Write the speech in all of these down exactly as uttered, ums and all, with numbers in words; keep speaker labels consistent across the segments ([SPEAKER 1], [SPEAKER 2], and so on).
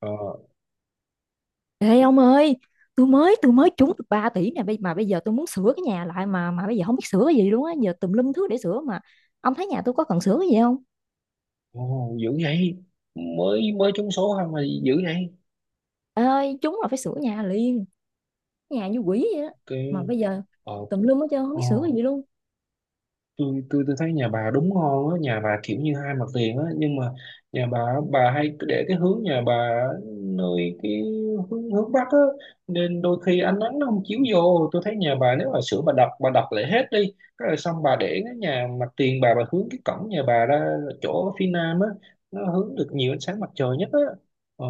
[SPEAKER 1] ờ
[SPEAKER 2] Ê ông ơi, tôi mới tôi mới trúng được ba tỷ nè, bây- mà bây giờ tôi muốn sửa cái nhà lại mà mà bây giờ không biết sửa cái gì luôn á, giờ tùm lum thứ để sửa mà. Ông thấy nhà tôi có cần sửa cái gì không?
[SPEAKER 1] Ồ, dữ vậy. Mới mới trúng số không mà dữ vậy.
[SPEAKER 2] Ê ơi, trúng là phải sửa nhà liền, nhà như quỷ vậy đó.
[SPEAKER 1] Cái,
[SPEAKER 2] Mà bây giờ
[SPEAKER 1] ờ
[SPEAKER 2] tùm lum hết trơn không biết sửa cái
[SPEAKER 1] ồ,
[SPEAKER 2] gì luôn.
[SPEAKER 1] tôi tôi tôi thấy nhà bà đúng ngon á, nhà bà kiểu như hai mặt tiền á, nhưng mà nhà bà bà hay cứ để cái hướng nhà bà, nơi cái hướng hướng bắc á, nên đôi khi ánh nắng nó không chiếu vô. Tôi thấy nhà bà nếu mà sửa, bà đập bà đập lại hết đi cái là xong, bà để cái nhà mặt tiền, bà bà hướng cái cổng nhà bà ra chỗ phía nam á, nó hướng được nhiều ánh sáng mặt trời nhất á. ờ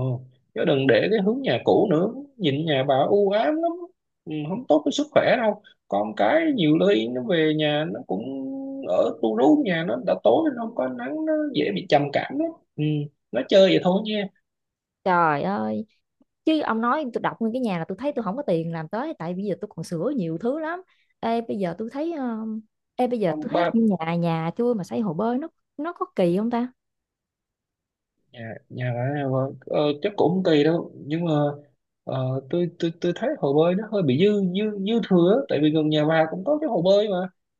[SPEAKER 1] Chứ đừng để cái hướng nhà cũ nữa, nhìn nhà bà u ám lắm. Ừ, không tốt với sức khỏe đâu. Còn cái nhiều lưới nó về nhà nó cũng ở tu rú nhà, nó đã tối nó không có nắng, nó dễ bị trầm cảm đó. Ừ. Nó chơi vậy thôi nha.
[SPEAKER 2] Trời ơi, chứ ông nói tôi đọc nguyên cái nhà là tôi thấy tôi không có tiền làm tới tại bây giờ tôi còn sửa nhiều thứ lắm. Ê bây giờ tôi thấy um, Ê bây giờ tôi
[SPEAKER 1] Ông
[SPEAKER 2] thấy
[SPEAKER 1] ba,
[SPEAKER 2] nhà nhà tôi mà xây hồ bơi nó nó có kỳ không ta?
[SPEAKER 1] nhà nhà ở. Vâng. ờ, Chắc cũng không kỳ đâu, nhưng mà ờ, tôi tôi tôi thấy hồ bơi nó hơi bị dư dư dư thừa á. Tại vì gần nhà bà cũng có cái hồ bơi mà.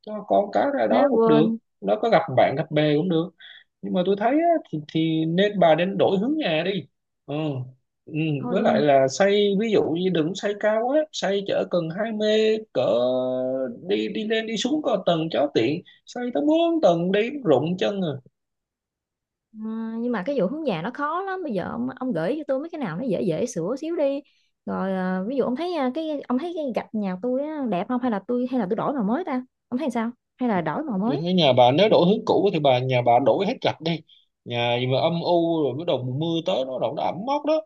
[SPEAKER 1] Cho con cá ra
[SPEAKER 2] Ha
[SPEAKER 1] đó cũng được,
[SPEAKER 2] quên.
[SPEAKER 1] nó có gặp bạn gặp bè cũng được, nhưng mà tôi thấy á, thì thì nên bà nên đổi hướng nhà đi. Ừ. Ừ.
[SPEAKER 2] Thôi
[SPEAKER 1] Với lại
[SPEAKER 2] ừ.
[SPEAKER 1] là xây ví dụ như đừng xây cao quá, xây chở cần hai mươi cỡ đi, đi lên đi xuống có tầng cho tiện, xây tới bốn tầng đi rụng chân à.
[SPEAKER 2] Ờ, nhưng mà cái vụ hướng nhà nó khó lắm, bây giờ ông ông gửi cho tôi mấy cái nào nó dễ dễ sửa xíu đi rồi. ờ, Ví dụ ông thấy, ờ, cái ông thấy cái gạch nhà tôi á, đẹp không, hay là tôi hay là tôi đổi màu mới ta, ông thấy sao? Hay là đổi màu
[SPEAKER 1] Tôi
[SPEAKER 2] mới,
[SPEAKER 1] thấy nhà bà nếu đổi hướng cũ thì bà, nhà bà đổi hết gạch đi. Nhà gì mà âm u, rồi bắt đầu mùa mưa tới nó đổ, nó ẩm mốc đó.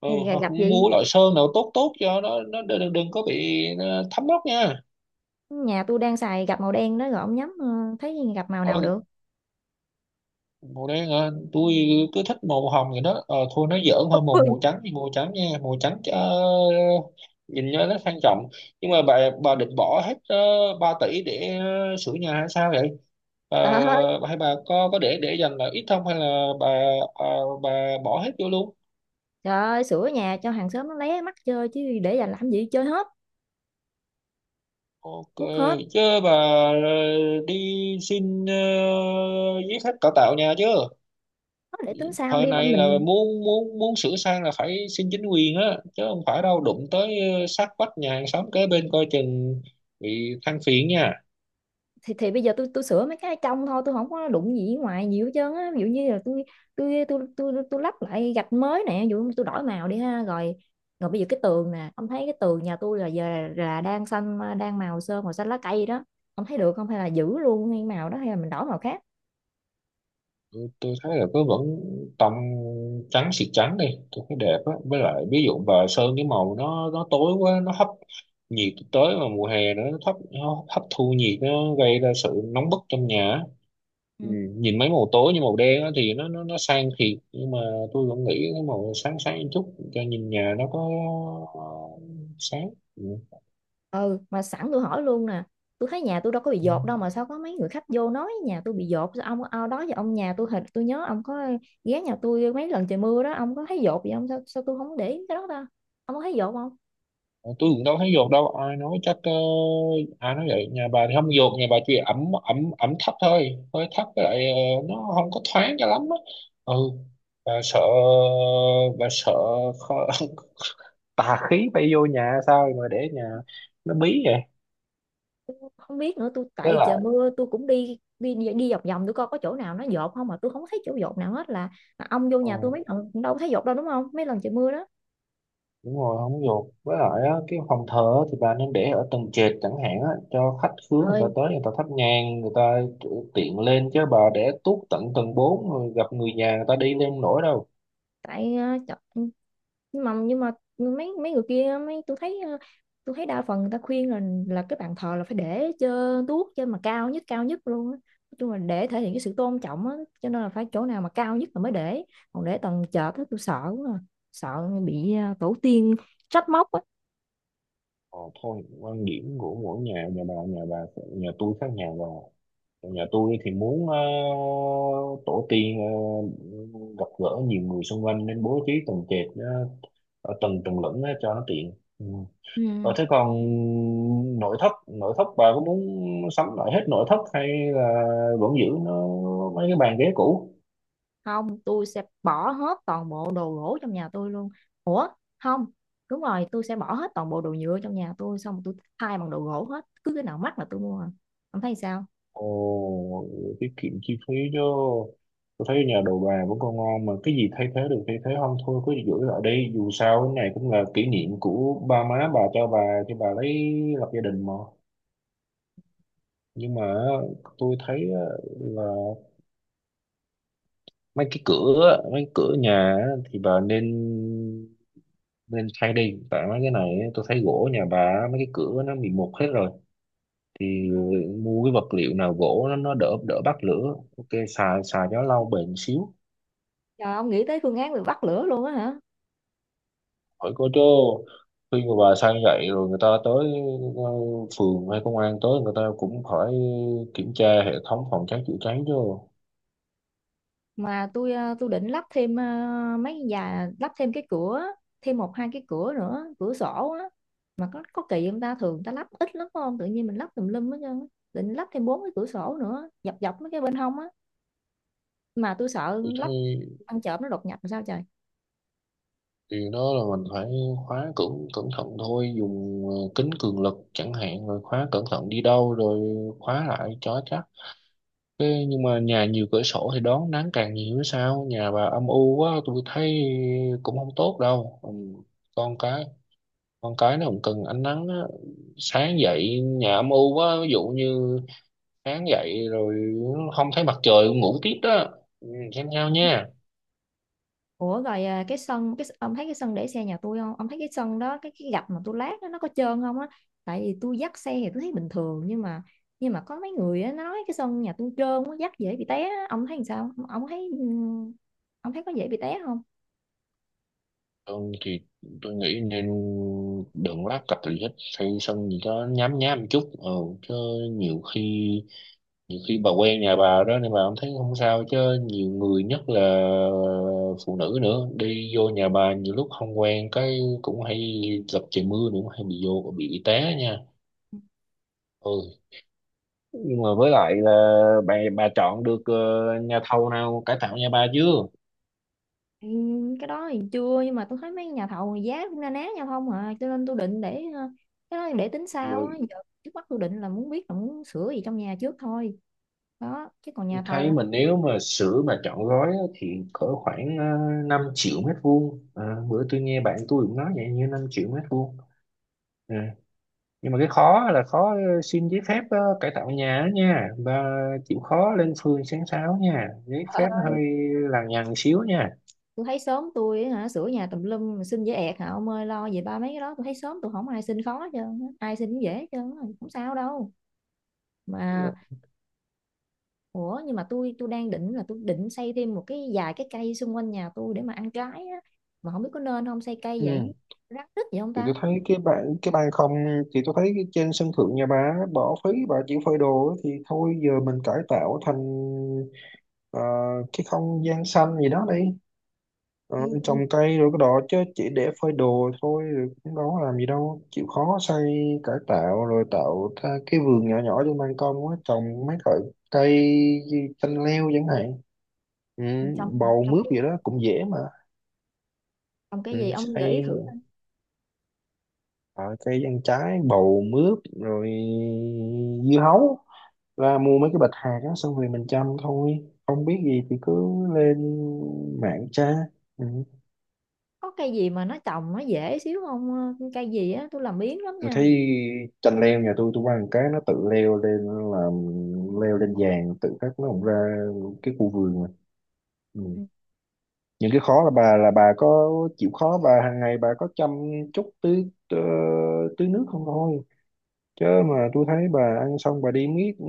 [SPEAKER 1] Ừ,
[SPEAKER 2] hay là
[SPEAKER 1] hoặc
[SPEAKER 2] gạch gì?
[SPEAKER 1] mua loại sơn nào tốt tốt cho nó nó đừng, đừng có bị ờ, thấm mốc nha.
[SPEAKER 2] Nhà tôi đang xài gạch màu đen đó, rồi ông nhắm ờ, thấy gạch màu nào
[SPEAKER 1] Ừ,
[SPEAKER 2] được?
[SPEAKER 1] màu đen à, tôi cứ thích màu hồng vậy đó. ờ, Thôi nó giỡn thôi, màu
[SPEAKER 2] Ôi,
[SPEAKER 1] màu trắng thì màu trắng nha, màu trắng, ờ, nhìn cho nó sang trọng. Nhưng mà bà bà định bỏ hết uh, ba tỷ để ờ, sửa nhà hay sao vậy bà?
[SPEAKER 2] trời ơi,
[SPEAKER 1] Bà hay bà có có để để dành là ít không, hay là bà, à, bà bỏ hết vô luôn?
[SPEAKER 2] trời ơi, sửa nhà cho hàng xóm nó lé mắt chơi chứ để dành làm gì, chơi hết,
[SPEAKER 1] Ok.
[SPEAKER 2] quất hết.
[SPEAKER 1] Chứ bà ờ, đi xin ờ, giấy phép cải tạo nhà chứ.
[SPEAKER 2] Nói để tính sau
[SPEAKER 1] Thời
[SPEAKER 2] đi mà
[SPEAKER 1] này là
[SPEAKER 2] mình.
[SPEAKER 1] muốn muốn muốn sửa sang là phải xin chính quyền á, chứ không phải đâu, đụng tới ờ, sát vách nhà hàng xóm kế bên coi chừng bị than phiền nha.
[SPEAKER 2] Thì thì bây giờ tôi tôi sửa mấy cái trong thôi, tôi không có đụng gì ngoài nhiều hết trơn á. Ví dụ như là tôi tôi tôi tôi tôi tôi lắp lại gạch mới nè, ví dụ tôi đổi màu đi ha. Rồi rồi bây giờ cái tường nè, ông thấy cái tường nhà tôi là giờ là đang xanh, đang màu sơn màu xanh lá cây đó, ông thấy được không, hay là giữ luôn cái màu đó, hay là mình đổi màu khác?
[SPEAKER 1] Tôi, tôi thấy là cứ vẫn tông trắng xịt, trắng đi. Tôi thấy đẹp á, với lại ví dụ bà sơn cái màu nó nó tối quá, nó hấp nhiệt tới, mà mùa hè nữa, nó thấp, nó hấp thu nhiệt nó gây ra sự nóng bức trong nhà á.
[SPEAKER 2] Ừ,
[SPEAKER 1] Ừ. Nhìn mấy màu tối như màu đen á thì nó nó nó sang thiệt, nhưng mà tôi vẫn nghĩ cái màu sáng sáng chút cho nhìn nhà nó có ờ, sáng.
[SPEAKER 2] ừ, mà sẵn tôi hỏi luôn nè. Tôi thấy nhà tôi đâu có bị
[SPEAKER 1] Ừ.
[SPEAKER 2] dột đâu, mà sao có mấy người khách vô nói nhà tôi bị dột, sao ông ao đó giờ ông nhà tôi hình tôi nhớ ông có ghé nhà tôi mấy lần trời mưa đó, ông có thấy dột gì không? Sao sao tôi không để ý cái đó ta, ông có thấy dột không?
[SPEAKER 1] Ờ, tôi cũng đâu thấy dột đâu, ai nói chắc ờ, ai nói vậy. Nhà bà thì không dột, nhà bà chỉ ẩm ẩm ẩm thấp thôi, hơi thấp, với lại ờ, nó không có thoáng cho lắm á. Ừ. bà sợ bà sợ khó, tà khí bay vô nhà sao mà để nhà nó bí vậy.
[SPEAKER 2] Tôi không biết nữa, tôi
[SPEAKER 1] Với
[SPEAKER 2] tại trời
[SPEAKER 1] lại
[SPEAKER 2] mưa tôi cũng đi đi đi vòng vòng tôi coi có chỗ nào nó dột không mà tôi không thấy chỗ dột nào hết, là, là ông vô nhà tôi
[SPEAKER 1] ừ,
[SPEAKER 2] mấy lần cũng đâu có thấy dột đâu, đúng không, mấy lần trời mưa đó.
[SPEAKER 1] đúng rồi, không dột. Với lại á, cái phòng thờ á thì bà nên để ở tầng trệt chẳng hạn á, cho khách khứa người ta
[SPEAKER 2] Ơi,
[SPEAKER 1] tới người ta thắp nhang, người ta tiện lên, chứ bà để tuốt tận tầng bốn rồi gặp người nhà người ta đi lên nổi đâu.
[SPEAKER 2] tại ờ, trời, nhưng mà nhưng mà mấy mấy người kia, mấy tôi thấy, ờ, tôi thấy đa phần người ta khuyên là là cái bàn thờ là phải để cho tuốt trên, mà cao nhất, cao nhất luôn á, nói chung là để thể hiện cái sự tôn trọng á, cho nên là phải chỗ nào mà cao nhất là mới để. Còn để tầng chợt á tôi sợ quá à, sợ bị ờ, tổ tiên trách móc á.
[SPEAKER 1] Ờ, Thôi, quan điểm của mỗi nhà nhà bà, nhà bà, nhà tôi khác nhà bà. Nhà tôi thì muốn ờ, tổ tiên ờ, gặp gỡ nhiều người xung quanh nên bố trí tầng trệt, ờ, ở tầng tầng lửng á, cho nó tiện. Ừ. Ờ,
[SPEAKER 2] Ừ.
[SPEAKER 1] thế còn nội thất nội thất bà có muốn sắm lại hết nội thất hay là vẫn giữ nó, mấy cái bàn ghế cũ?
[SPEAKER 2] Không, tôi sẽ bỏ hết toàn bộ đồ gỗ trong nhà tôi luôn. Ủa, không. Đúng rồi, tôi sẽ bỏ hết toàn bộ đồ nhựa trong nhà tôi, xong tôi thay bằng đồ gỗ hết, cứ cái nào mắc là tôi mua à. Ông thấy sao?
[SPEAKER 1] Ồ, tiết kiệm chi phí chứ. Tôi thấy nhà đồ bà vẫn còn ngon mà, cái gì thay thế được thay thế, không thôi cứ giữ lại đi. Dù sao cái này cũng là kỷ niệm của ba má bà, cho bà cho bà lấy lập gia đình mà. Nhưng mà tôi thấy á, là mấy cái cửa á, mấy cửa nhà á, thì bà nên nên thay đi, tại mấy cái này á, tôi thấy gỗ nhà bà á, mấy cái cửa nó bị mục hết rồi, thì mua cái vật liệu nào gỗ nó, nó đỡ đỡ bắt lửa, ok, xài xài cho nó lâu bền xíu.
[SPEAKER 2] Trời, ông nghĩ tới phương án bị bắt lửa luôn á hả?
[SPEAKER 1] Hỏi có chứ, khi mà bà sang vậy rồi người ta tới, ờ, phường hay công an tới người ta cũng phải kiểm tra hệ thống phòng cháy chữa cháy chứ.
[SPEAKER 2] Mà tôi ờ, tôi định lắp thêm ờ, mấy nhà lắp thêm cái cửa, thêm một hai cái cửa nữa, cửa sổ á. Mà có có kỳ không ta? Thường người ta lắp ít lắm phải không? Tự nhiên mình lắp tùm lum hết trơn á. Định lắp thêm bốn cái cửa sổ nữa, dọc dọc mấy cái bên hông á. Mà tôi sợ
[SPEAKER 1] Vì thế
[SPEAKER 2] lắp ăn trộm nó đột nhập làm sao trời.
[SPEAKER 1] điều đó là mình phải khóa cẩn cẩn thận thôi, dùng ờ, kính cường lực chẳng hạn, rồi khóa cẩn thận đi đâu rồi khóa lại cho chắc. Thế nhưng mà nhà nhiều cửa sổ thì đón nắng càng nhiều chứ sao, nhà bà âm u quá tôi thấy cũng không tốt đâu. Ừ, con cái con cái nó cũng cần ánh nắng á. Sáng dậy nhà âm u quá, ví dụ như sáng dậy rồi không thấy mặt trời ngủ tiếp đó. Ừ, xem nhau nha.
[SPEAKER 2] Ủa rồi à, cái sân, cái ông thấy cái sân để xe nhà tôi không? Ông thấy cái sân đó, cái cái gạch mà tôi lát đó, nó có trơn không á? Tại vì tôi dắt xe thì tôi thấy bình thường, nhưng mà nhưng mà có mấy người á, nói cái sân nhà tôi trơn quá, dắt dễ bị té á. Ông thấy làm sao? Ông, thấy ừ, ông thấy có dễ bị té không?
[SPEAKER 1] Thường thì tôi nghĩ nên đừng lát cặp gì hết, xây sân gì đó nhám nhám một chút, ừ, chứ nhiều khi nhiều khi bà quen nhà bà đó nên bà không thấy không sao, chứ nhiều người nhất là phụ nữ nữa đi vô nhà bà nhiều lúc không quen, cái cũng hay gặp trời mưa nữa hay bị vô bị té nha. Ừ. Nhưng mà với lại là bà bà chọn được ờ, nhà thầu nào cải tạo nhà bà chưa?
[SPEAKER 2] Ừ, cái đó thì chưa, nhưng mà tôi thấy mấy nhà thầu thì giá cũng na ná nhau không à, cho nên tôi định để ờ, cái đó để tính sau
[SPEAKER 1] Rồi
[SPEAKER 2] á, giờ trước mắt tôi định là muốn biết là muốn sửa gì trong nhà trước thôi đó, chứ còn
[SPEAKER 1] tôi
[SPEAKER 2] nhà
[SPEAKER 1] thấy
[SPEAKER 2] thầu thì
[SPEAKER 1] mình nếu mà sửa mà chọn gói á, thì cỡ khoảng uh, năm triệu mét vuông. Ờ, Bữa tôi nghe bạn tôi cũng nói vậy, như năm triệu mét vuông. Ờ, nhưng mà cái khó là khó ờ, xin giấy phép ờ, cải tạo nhà á nha, và chịu khó lên phường sáng sáo nha, giấy
[SPEAKER 2] ờ,
[SPEAKER 1] phép nó hơi lằng nhằng xíu nha.
[SPEAKER 2] tôi thấy sớm tôi hả, sửa nhà tùm lum mà xin dễ ẹt hả ông ơi, lo về ba mấy cái đó, tôi thấy sớm tôi không ai xin khó hết trơn á, ai xin cũng dễ hết trơn á, không sao đâu mà. Ủa, nhưng mà tôi tôi đang định là tôi định xây thêm một cái vài cái cây xung quanh nhà tôi để mà ăn trái á, mà không biết có nên không, xây cây vậy
[SPEAKER 1] Ừ,
[SPEAKER 2] rắc rít vậy không
[SPEAKER 1] thì tôi
[SPEAKER 2] ta?
[SPEAKER 1] thấy cái bạn, cái ban không, thì tôi thấy cái trên sân thượng nhà bà á, bỏ phí, bà chỉ phơi đồ á, thì thôi giờ mình cải tạo thành ờ, cái không gian xanh gì đó đi. Ờ,
[SPEAKER 2] Ừ,
[SPEAKER 1] Trồng
[SPEAKER 2] ừ,
[SPEAKER 1] cây rồi cái đó, chứ chỉ để phơi đồ thôi rồi cũng đâu có làm gì đâu, chịu khó xây cải tạo rồi tạo ra cái vườn nhỏ nhỏ trên ban công á, trồng mấy loại cây, chanh leo chẳng hạn. Ừ,
[SPEAKER 2] ừ, trồng
[SPEAKER 1] bầu
[SPEAKER 2] trồng
[SPEAKER 1] mướp
[SPEAKER 2] cái
[SPEAKER 1] gì
[SPEAKER 2] trong,
[SPEAKER 1] đó cũng dễ mà.
[SPEAKER 2] cái
[SPEAKER 1] Ừ,
[SPEAKER 2] gì ông gợi ý thử
[SPEAKER 1] xây
[SPEAKER 2] coi.
[SPEAKER 1] Ờ, cây ăn trái, bầu mướp, rồi dưa hấu, ra mua mấy cái bịch hạt đó xong rồi mình chăm thôi, không biết gì thì cứ lên mạng tra. Ừ.
[SPEAKER 2] Có cây gì mà nó trồng nó dễ xíu không? Ờ, cây gì á, tôi làm biếng lắm
[SPEAKER 1] Tôi
[SPEAKER 2] nha.
[SPEAKER 1] thấy chanh leo nhà tôi tôi ăn cái nó tự leo lên, làm leo lên vàng tự khắc nó cũng ra cái khu vườn mà. Ừ.
[SPEAKER 2] Ừ.
[SPEAKER 1] Những cái khó là bà, là bà có chịu khó, bà hàng ngày bà có chăm chút, tưới tưới tưới nước không thôi, chứ mà tôi thấy bà ăn xong bà đi miết, ừ,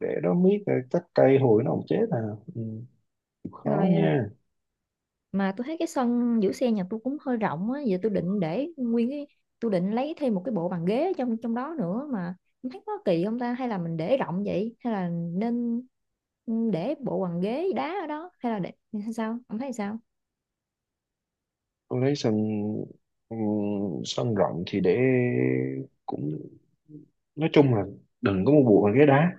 [SPEAKER 1] để đó miết rồi cắt cây hồi nó không chết à. Ừ. Khó
[SPEAKER 2] Rồi à,
[SPEAKER 1] nha.
[SPEAKER 2] mà tôi thấy cái sân giữ xe nhà tôi cũng hơi rộng á, giờ tôi định để nguyên cái, tôi định lấy thêm một cái bộ bàn ghế ở trong trong đó nữa mà không thấy có kỳ không ta, hay là mình để rộng vậy, hay là nên, ừ, để bộ bàn ghế đá ở đó, hay là để hay sao, ông thấy sao?
[SPEAKER 1] Tôi lấy sân, ừ, sân rộng thì để cũng, nói chung là đừng có mua bùa bằng ghế đá,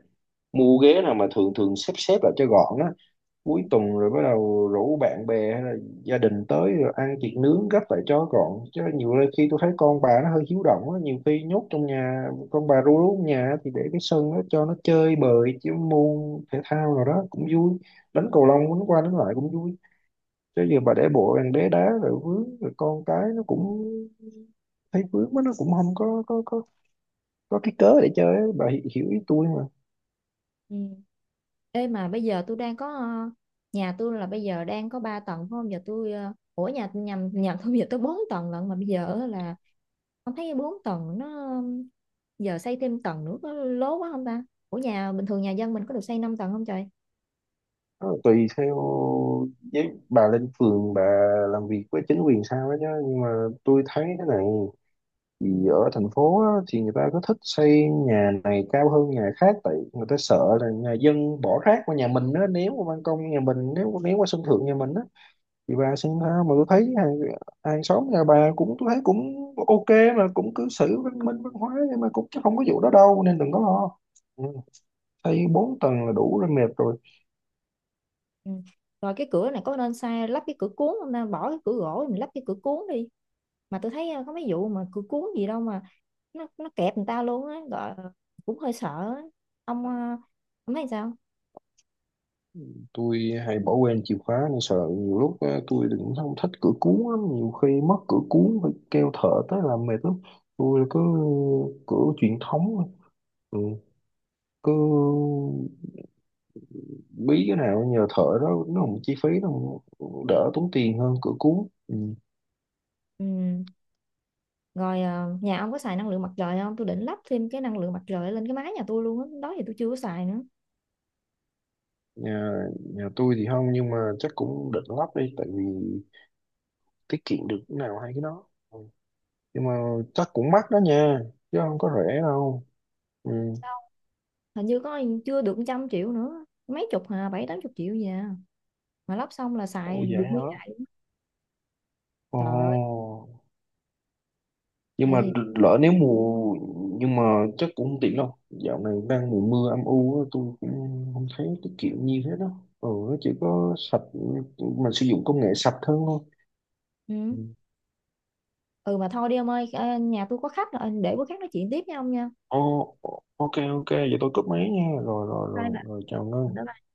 [SPEAKER 1] mua ghế nào mà thường thường xếp xếp lại cho gọn á, cuối tuần rồi bắt đầu rủ bạn bè hay là gia đình tới rồi ăn thịt nướng, gấp lại cho gọn, chứ nhiều nơi khi tôi thấy con bà nó hơi hiếu động á, nhiều khi nhốt trong nhà con bà ru rú trong nhà á, thì để cái sân đó cho nó chơi bời chứ, môn thể thao nào đó cũng vui, đánh cầu lông đánh qua đánh lại cũng vui. Chứ giờ bà để bộ bàn đế đá rồi vướng, rồi con cái nó cũng thấy vướng quá, nó cũng không có có có có cái cớ để chơi á. Bà hi- hiểu ý tôi.
[SPEAKER 2] Ừ. Ê mà bây giờ tôi đang có ờ, nhà tôi là bây giờ đang có ba tầng phải không? Giờ tôi ờ, ủa nhà nhầm, nhà tôi bây giờ tôi bốn tầng lận, mà bây giờ là không thấy bốn tầng nó giờ xây thêm tầng nữa có lố quá không ta? Ủa nhà bình thường nhà dân mình có được xây năm tầng không trời?
[SPEAKER 1] Ờ, Tùy theo, với bà lên phường bà làm việc với chính quyền sao đó chứ. Nhưng mà tôi thấy thế này, vì ở thành phố á, thì người ta có thích xây nhà này cao hơn nhà khác, tại người ta sợ là nhà dân bỏ rác qua nhà mình á, ném qua ban công nhà mình, nếu ném qua sân thượng nhà mình á, thì bà xem sao. Mà tôi thấy hàng, hàng xóm nhà bà cũng, tôi thấy cũng ok, mà cũng cư xử văn minh văn hóa, nhưng mà cũng, chứ không có vụ đó đâu nên đừng có lo. Ừ. Xây bốn tầng là đủ rồi, mệt rồi.
[SPEAKER 2] Ừ. Rồi cái cửa này có nên sai lắp cái cửa cuốn không ta? Bỏ cái cửa gỗ mình lắp cái cửa cuốn đi. Mà tôi thấy ờ, có mấy vụ mà cửa cuốn gì đâu mà nó nó kẹp người ta luôn á, gọi cũng hơi sợ á. Ông ờ, ông thấy sao?
[SPEAKER 1] Tôi hay bỏ quên chìa khóa nên sợ, nhiều lúc á, tôi thì cũng không thích cửa cuốn lắm, nhiều khi mất cửa cuốn phải kêu thợ tới làm mệt lắm. Tôi cứ cửa truyền thống thôi. Ừ. Cứ bí cái nào nhờ thợ đó, nó không chi phí nó cũng đỡ tốn tiền hơn cửa cuốn. Ừ.
[SPEAKER 2] Ừ. Rồi ờ, nhà ông có xài năng lượng mặt trời không, tôi định lắp thêm cái năng lượng mặt trời lên cái mái nhà tôi luôn á, đó thì tôi chưa có xài nữa.
[SPEAKER 1] nhà nhà tôi thì không, nhưng mà chắc cũng định lắp đi, tại vì tiết kiệm được cái nào hay cái đó. Ừ. Nhưng mà chắc cũng mắc đó nha, chứ không có rẻ đâu. Ừ.
[SPEAKER 2] Hình như có chưa được trăm triệu nữa, mấy chục hà, bảy tám chục triệu gì à, mà lắp xong là
[SPEAKER 1] Ủa
[SPEAKER 2] xài được
[SPEAKER 1] vậy hả?
[SPEAKER 2] nguyên ngày. Trời ơi,
[SPEAKER 1] Ồ,
[SPEAKER 2] tại
[SPEAKER 1] nhưng mà
[SPEAKER 2] vì,
[SPEAKER 1] lỡ nếu mùa, nhưng mà chắc cũng không tiện đâu, dạo này đang mùa mưa âm u á, tôi cũng không thấy cái kiểu như thế đó. Ừ, nó chỉ có sạch, mình sử dụng công nghệ sạch hơn thôi.
[SPEAKER 2] ừ.
[SPEAKER 1] Ừ.
[SPEAKER 2] Ừ mà thôi đi ông ơi, ờ, nhà tôi có khách rồi, để bữa khác nói chuyện tiếp với ông nha.
[SPEAKER 1] Ồ, ok ok vậy tôi cúp máy nha, rồi rồi
[SPEAKER 2] Bye.
[SPEAKER 1] rồi rồi chào Ngân.
[SPEAKER 2] Bye.